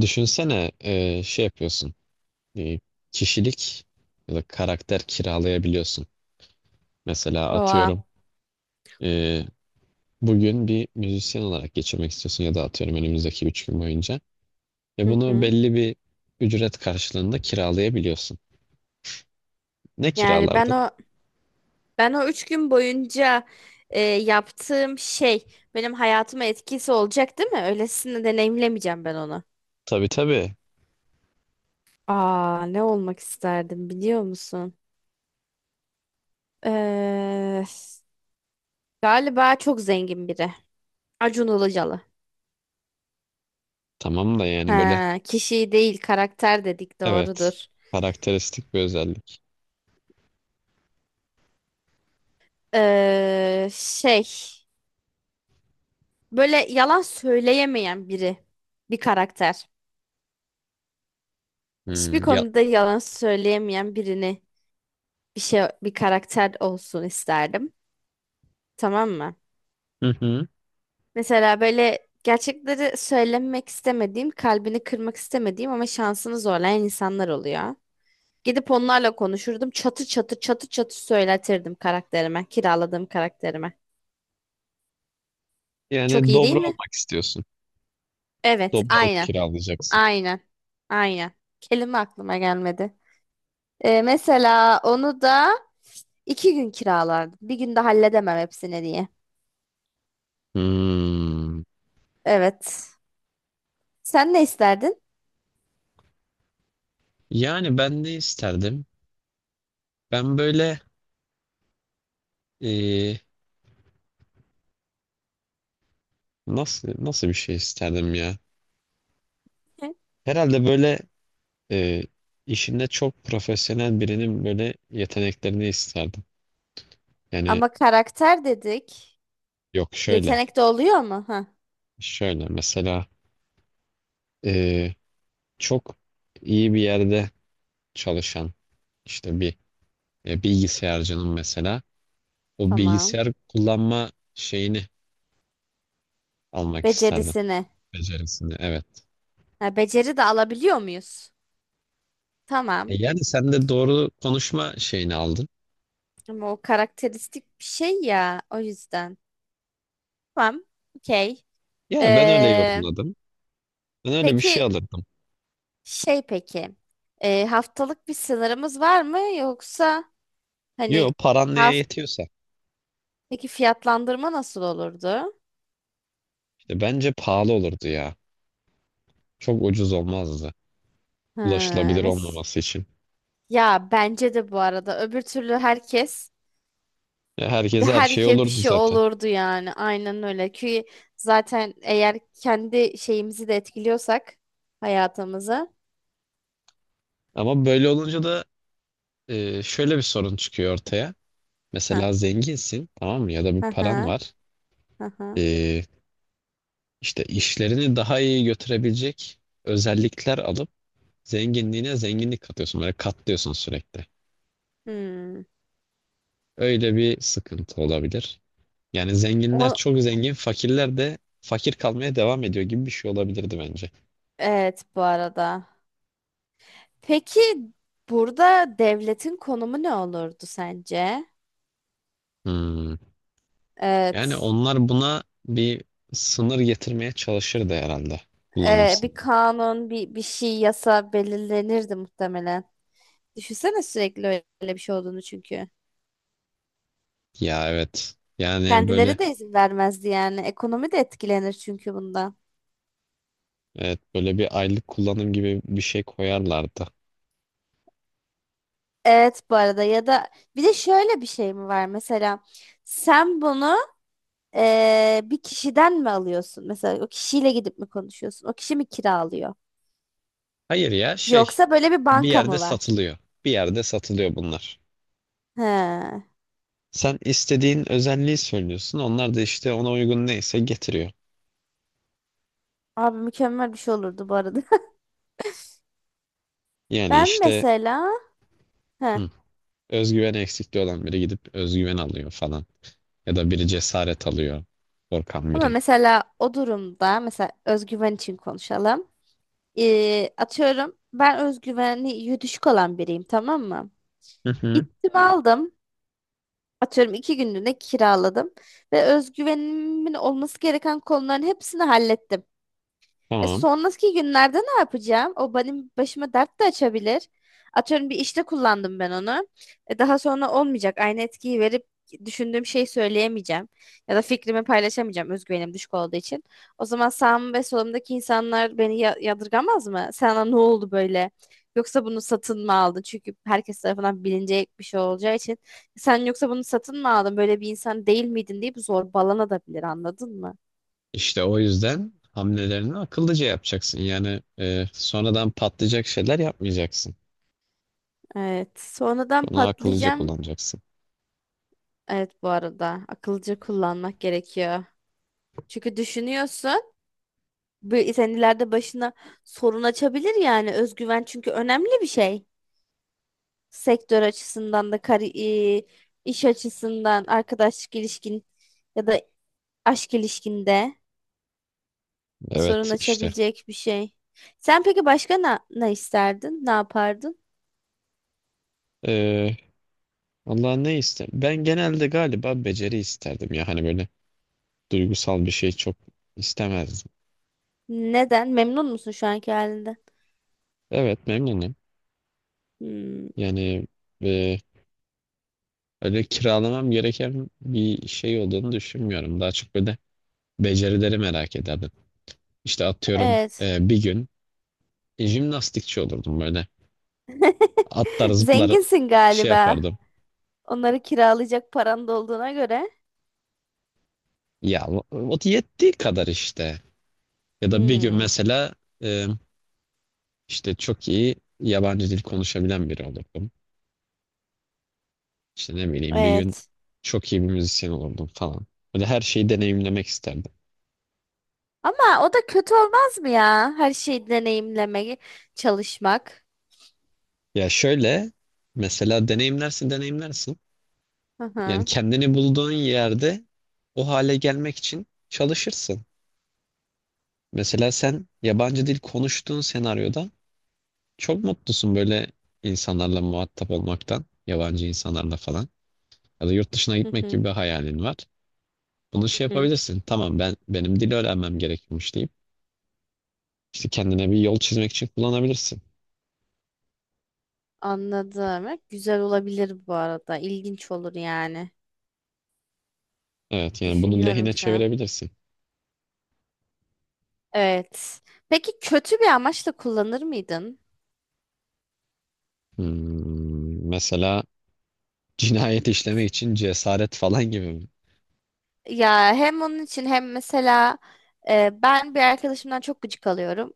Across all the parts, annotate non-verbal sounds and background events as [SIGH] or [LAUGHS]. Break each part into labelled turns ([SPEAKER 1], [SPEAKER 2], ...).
[SPEAKER 1] Düşünsene şey yapıyorsun. e, Kişilik ya da karakter kiralayabiliyorsun. Mesela
[SPEAKER 2] Oha.
[SPEAKER 1] atıyorum e, bugün bir müzisyen olarak geçirmek istiyorsun ya da atıyorum önümüzdeki 3 gün boyunca. Ve
[SPEAKER 2] Hı
[SPEAKER 1] bunu
[SPEAKER 2] hı.
[SPEAKER 1] belli bir ücret karşılığında kiralayabiliyorsun. Ne
[SPEAKER 2] Yani ben
[SPEAKER 1] kiralardın?
[SPEAKER 2] o ben o üç gün boyunca yaptığım şey benim hayatıma etkisi olacak değil mi? Öylesine deneyimlemeyeceğim ben onu.
[SPEAKER 1] Tabii tabii.
[SPEAKER 2] Aa, ne olmak isterdim biliyor musun? Ee, Galiba çok zengin biri. Acun Ilıcalı.
[SPEAKER 1] Tamam da yani böyle
[SPEAKER 2] Ha, kişi değil karakter dedik,
[SPEAKER 1] evet.
[SPEAKER 2] doğrudur.
[SPEAKER 1] Karakteristik bir özellik.
[SPEAKER 2] Şey, böyle yalan söyleyemeyen biri, bir karakter.
[SPEAKER 1] Hmm,
[SPEAKER 2] Hiçbir
[SPEAKER 1] ya.
[SPEAKER 2] konuda yalan söyleyemeyen birini, bir karakter olsun isterdim. Tamam mı?
[SPEAKER 1] Hı hı.
[SPEAKER 2] Mesela böyle gerçekleri söylemek istemediğim, kalbini kırmak istemediğim ama şansını zorlayan insanlar oluyor. Gidip onlarla konuşurdum. Çatır çatır çatır çatır söyletirdim karakterime, kiraladığım karakterime. Çok
[SPEAKER 1] Yani
[SPEAKER 2] iyi değil
[SPEAKER 1] dobra
[SPEAKER 2] mi?
[SPEAKER 1] olmak istiyorsun.
[SPEAKER 2] Evet,
[SPEAKER 1] Dobralık
[SPEAKER 2] aynen.
[SPEAKER 1] kiralayacaksın.
[SPEAKER 2] Aynen. Aynen. Kelime aklıma gelmedi. Mesela onu da iki gün kiralardım. Bir günde halledemem hepsini diye.
[SPEAKER 1] Hmm.
[SPEAKER 2] Evet. Sen ne isterdin?
[SPEAKER 1] Yani ben ne isterdim? Ben böyle eee, nasıl bir şey isterdim ya?
[SPEAKER 2] [LAUGHS]
[SPEAKER 1] Herhalde böyle eee, işinde çok profesyonel birinin böyle yeteneklerini isterdim. Yani
[SPEAKER 2] Ama karakter dedik.
[SPEAKER 1] yok, şöyle
[SPEAKER 2] Yetenek de oluyor mu? Ha,
[SPEAKER 1] mesela eee, çok iyi bir yerde çalışan işte bir bilgisayarcının mesela o
[SPEAKER 2] tamam.
[SPEAKER 1] bilgisayar kullanma şeyini almak isterdim,
[SPEAKER 2] Becerisini.
[SPEAKER 1] becerisini evet.
[SPEAKER 2] Ha, beceri de alabiliyor muyuz? Tamam.
[SPEAKER 1] Yani sen de doğru konuşma şeyini aldın.
[SPEAKER 2] Ama o karakteristik bir şey ya. O yüzden. Tamam. Okey.
[SPEAKER 1] Ya ben öyle
[SPEAKER 2] Ee,
[SPEAKER 1] yorumladım. Ben öyle bir şey
[SPEAKER 2] peki
[SPEAKER 1] alırdım.
[SPEAKER 2] peki. Haftalık bir sınırımız var mı? Yoksa
[SPEAKER 1] Yo,
[SPEAKER 2] hani
[SPEAKER 1] paran neye
[SPEAKER 2] haft
[SPEAKER 1] yetiyorsa.
[SPEAKER 2] peki, fiyatlandırma nasıl olurdu?
[SPEAKER 1] İşte bence pahalı olurdu ya. Çok ucuz olmazdı.
[SPEAKER 2] Ha,
[SPEAKER 1] Ulaşılabilir
[SPEAKER 2] mes
[SPEAKER 1] olmaması için.
[SPEAKER 2] ya, bence de bu arada, öbür türlü herkes
[SPEAKER 1] Ya, herkese her şey
[SPEAKER 2] Herkes bir
[SPEAKER 1] olurdu
[SPEAKER 2] şey
[SPEAKER 1] zaten.
[SPEAKER 2] olurdu yani. Aynen öyle. Ki zaten eğer kendi şeyimizi de etkiliyorsak, hayatımızı.
[SPEAKER 1] Ama böyle olunca da şöyle bir sorun çıkıyor ortaya.
[SPEAKER 2] Ha
[SPEAKER 1] Mesela zenginsin, tamam mı? Ya da bir
[SPEAKER 2] ha ha
[SPEAKER 1] paran var.
[SPEAKER 2] ha. Ha.
[SPEAKER 1] E, işte işlerini daha iyi götürebilecek özellikler alıp zenginliğine zenginlik katıyorsun. Böyle katlıyorsun sürekli.
[SPEAKER 2] Hmm.
[SPEAKER 1] Öyle bir sıkıntı olabilir. Yani zenginler
[SPEAKER 2] O,
[SPEAKER 1] çok zengin, fakirler de fakir kalmaya devam ediyor gibi bir şey olabilirdi bence.
[SPEAKER 2] evet bu arada. Peki, burada devletin konumu ne olurdu sence?
[SPEAKER 1] Hmm. Yani
[SPEAKER 2] Evet.
[SPEAKER 1] onlar buna bir sınır getirmeye çalışırdı herhalde. Kullanım
[SPEAKER 2] Bir
[SPEAKER 1] sınırı.
[SPEAKER 2] kanun, bir şey, yasa belirlenirdi muhtemelen. Düşünsene sürekli öyle bir şey olduğunu çünkü.
[SPEAKER 1] Ya evet. Yani böyle,
[SPEAKER 2] Kendileri de izin vermezdi yani. Ekonomi de etkilenir çünkü bundan.
[SPEAKER 1] evet, böyle bir aylık kullanım gibi bir şey koyarlardı.
[SPEAKER 2] Evet, bu arada. Ya da bir de şöyle bir şey mi var mesela, sen bunu bir kişiden mi alıyorsun? Mesela o kişiyle gidip mi konuşuyorsun? O kişi mi kiralıyor?
[SPEAKER 1] Hayır, ya şey,
[SPEAKER 2] Yoksa böyle bir
[SPEAKER 1] bir
[SPEAKER 2] banka
[SPEAKER 1] yerde
[SPEAKER 2] mı var?
[SPEAKER 1] satılıyor. Bir yerde satılıyor bunlar.
[SPEAKER 2] He.
[SPEAKER 1] Sen istediğin özelliği söylüyorsun. Onlar da işte ona uygun neyse getiriyor.
[SPEAKER 2] Abi, mükemmel bir şey olurdu bu arada. [LAUGHS]
[SPEAKER 1] Yani
[SPEAKER 2] Ben
[SPEAKER 1] işte
[SPEAKER 2] mesela, he.
[SPEAKER 1] hı, özgüven eksikliği olan biri gidip özgüven alıyor falan. Ya da biri cesaret alıyor. Korkan
[SPEAKER 2] Ama
[SPEAKER 1] biri.
[SPEAKER 2] mesela o durumda, mesela özgüven için konuşalım. Atıyorum ben özgüveni düşük olan biriyim, tamam mı?
[SPEAKER 1] Hı hı.
[SPEAKER 2] Gittim, aldım. Atıyorum iki günlüğüne kiraladım ve özgüvenimin olması gereken konuların hepsini hallettim.
[SPEAKER 1] Tamam.
[SPEAKER 2] Sonraki günlerde ne yapacağım? O benim başıma dert de açabilir. Atıyorum bir işte kullandım ben onu. Daha sonra olmayacak. Aynı etkiyi verip düşündüğüm şeyi söyleyemeyeceğim. Ya da fikrimi paylaşamayacağım, özgüvenim düşük olduğu için. O zaman sağım ve solumdaki insanlar beni yadırgamaz mı? Sana ne oldu böyle? Yoksa bunu satın mı aldın? Çünkü herkes tarafından bilinecek bir şey olacağı için. Sen yoksa bunu satın mı aldın? Böyle bir insan değil miydin deyip zorbalanabilir, anladın mı?
[SPEAKER 1] İşte o yüzden hamlelerini akıllıca yapacaksın. Yani sonradan patlayacak şeyler yapmayacaksın.
[SPEAKER 2] Evet. Sonradan
[SPEAKER 1] Bunu akıllıca
[SPEAKER 2] patlayacağım.
[SPEAKER 1] kullanacaksın.
[SPEAKER 2] Evet, bu arada akılcı kullanmak gerekiyor. Çünkü düşünüyorsun, sen ileride başına sorun açabilir yani, özgüven çünkü önemli bir şey. Sektör açısından da, iş açısından, arkadaşlık ilişkin ya da aşk ilişkinde sorun
[SPEAKER 1] Evet işte.
[SPEAKER 2] açabilecek bir şey. Sen peki başka ne isterdin? Ne yapardın?
[SPEAKER 1] E, Allah ne ister? Ben genelde galiba beceri isterdim ya. Hani böyle duygusal bir şey çok istemezdim.
[SPEAKER 2] Neden? Memnun musun şu anki halinden?
[SPEAKER 1] Evet memnunum.
[SPEAKER 2] Hmm,
[SPEAKER 1] Yani e, öyle kiralamam gereken bir şey olduğunu düşünmüyorum. Daha çok böyle becerileri merak ederdim. İşte atıyorum
[SPEAKER 2] evet.
[SPEAKER 1] bir gün jimnastikçi olurdum böyle. Atlar,
[SPEAKER 2] [LAUGHS]
[SPEAKER 1] zıplar,
[SPEAKER 2] Zenginsin
[SPEAKER 1] şey
[SPEAKER 2] galiba.
[SPEAKER 1] yapardım.
[SPEAKER 2] Onları kiralayacak paran da olduğuna göre.
[SPEAKER 1] Ya o yettiği kadar işte. Ya da bir gün
[SPEAKER 2] Hmm,
[SPEAKER 1] mesela e, işte çok iyi yabancı dil konuşabilen biri olurdum. İşte ne bileyim, bir gün
[SPEAKER 2] evet.
[SPEAKER 1] çok iyi bir müzisyen olurdum falan. Böyle her şeyi deneyimlemek isterdim.
[SPEAKER 2] Ama o da kötü olmaz mı ya? Her şeyi deneyimlemeye çalışmak.
[SPEAKER 1] Ya şöyle, mesela deneyimlersin deneyimlersin.
[SPEAKER 2] Hı
[SPEAKER 1] Yani
[SPEAKER 2] hı.
[SPEAKER 1] kendini bulduğun yerde o hale gelmek için çalışırsın. Mesela sen yabancı dil konuştuğun senaryoda çok mutlusun, böyle insanlarla muhatap olmaktan, yabancı insanlarla falan. Ya da yurt dışına
[SPEAKER 2] Hı
[SPEAKER 1] gitmek
[SPEAKER 2] hı.
[SPEAKER 1] gibi bir hayalin var. Bunu
[SPEAKER 2] Hı
[SPEAKER 1] şey
[SPEAKER 2] hı.
[SPEAKER 1] yapabilirsin. Tamam, ben benim dil öğrenmem gerekiyormuş deyip işte kendine bir yol çizmek için kullanabilirsin.
[SPEAKER 2] Anladım. Evet, güzel olabilir bu arada. İlginç olur yani.
[SPEAKER 1] Evet yani bunu
[SPEAKER 2] Düşünüyorum
[SPEAKER 1] lehine
[SPEAKER 2] şu an.
[SPEAKER 1] çevirebilirsin.
[SPEAKER 2] Evet. Peki kötü bir amaçla kullanır mıydın?
[SPEAKER 1] Hmm, mesela cinayet işlemek için cesaret falan gibi mi?
[SPEAKER 2] Ya hem onun için hem mesela, ben bir arkadaşımdan çok gıcık alıyorum.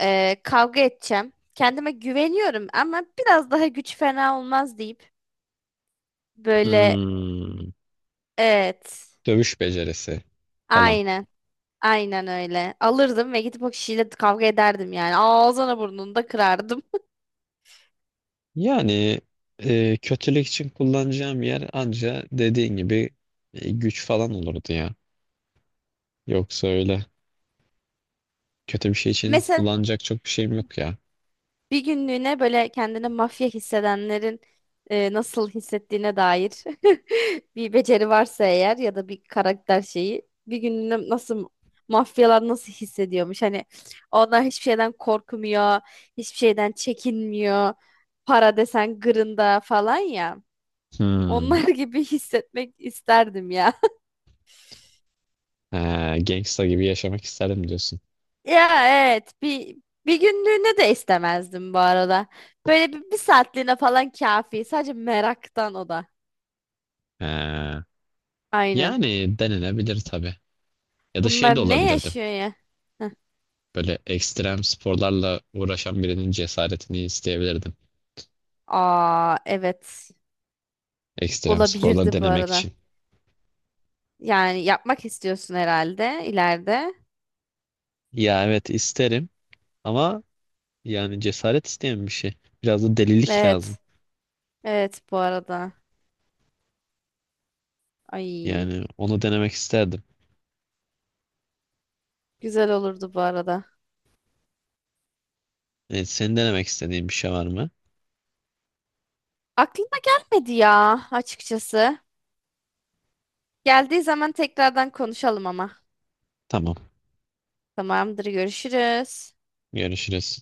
[SPEAKER 2] Kavga edeceğim. Kendime güveniyorum ama biraz daha güç fena olmaz deyip, böyle,
[SPEAKER 1] Hmm,
[SPEAKER 2] evet,
[SPEAKER 1] dövüş becerisi falan.
[SPEAKER 2] aynen, aynen öyle alırdım ve gidip o kişiyle kavga ederdim, yani ağzına burnunu da kırardım.
[SPEAKER 1] Yani kötülük için kullanacağım yer anca dediğin gibi güç falan olurdu ya. Yoksa öyle kötü bir şey
[SPEAKER 2] [LAUGHS]
[SPEAKER 1] için
[SPEAKER 2] Mesela
[SPEAKER 1] kullanacak çok bir şeyim yok ya.
[SPEAKER 2] bir günlüğüne böyle kendini mafya hissedenlerin nasıl hissettiğine dair [LAUGHS] bir beceri varsa eğer, ya da bir karakter şeyi bir günlüğüne, nasıl mafyalar nasıl hissediyormuş? Hani onlar hiçbir şeyden korkmuyor, hiçbir şeyden çekinmiyor. Para desen gırında falan ya.
[SPEAKER 1] Hmm.
[SPEAKER 2] Onlar [LAUGHS] gibi hissetmek isterdim ya. [LAUGHS]
[SPEAKER 1] Ha, gangsta gibi yaşamak isterim diyorsun.
[SPEAKER 2] Ya evet, bir günlüğüne de istemezdim bu arada. Böyle bir saatliğine falan kafi. Sadece meraktan o da.
[SPEAKER 1] Ha.
[SPEAKER 2] Aynen.
[SPEAKER 1] Yani denenebilir tabii. Ya da şey
[SPEAKER 2] Bunlar
[SPEAKER 1] de
[SPEAKER 2] ne
[SPEAKER 1] olabilirdim.
[SPEAKER 2] yaşıyor ya? Heh.
[SPEAKER 1] Böyle ekstrem sporlarla uğraşan birinin cesaretini isteyebilirdim.
[SPEAKER 2] Aa, evet.
[SPEAKER 1] Ekstrem sporlar
[SPEAKER 2] Olabilirdi bu
[SPEAKER 1] denemek
[SPEAKER 2] arada.
[SPEAKER 1] için.
[SPEAKER 2] Yani yapmak istiyorsun herhalde ileride.
[SPEAKER 1] Ya evet isterim ama yani cesaret isteyen bir şey. Biraz da delilik lazım.
[SPEAKER 2] Evet. Evet, bu arada. Ay,
[SPEAKER 1] Yani onu denemek isterdim.
[SPEAKER 2] güzel olurdu bu arada.
[SPEAKER 1] Evet, senin denemek istediğin bir şey var mı?
[SPEAKER 2] Aklıma gelmedi ya, açıkçası. Geldiği zaman tekrardan konuşalım ama.
[SPEAKER 1] Tamam.
[SPEAKER 2] Tamamdır, görüşürüz.
[SPEAKER 1] Görüşürüz.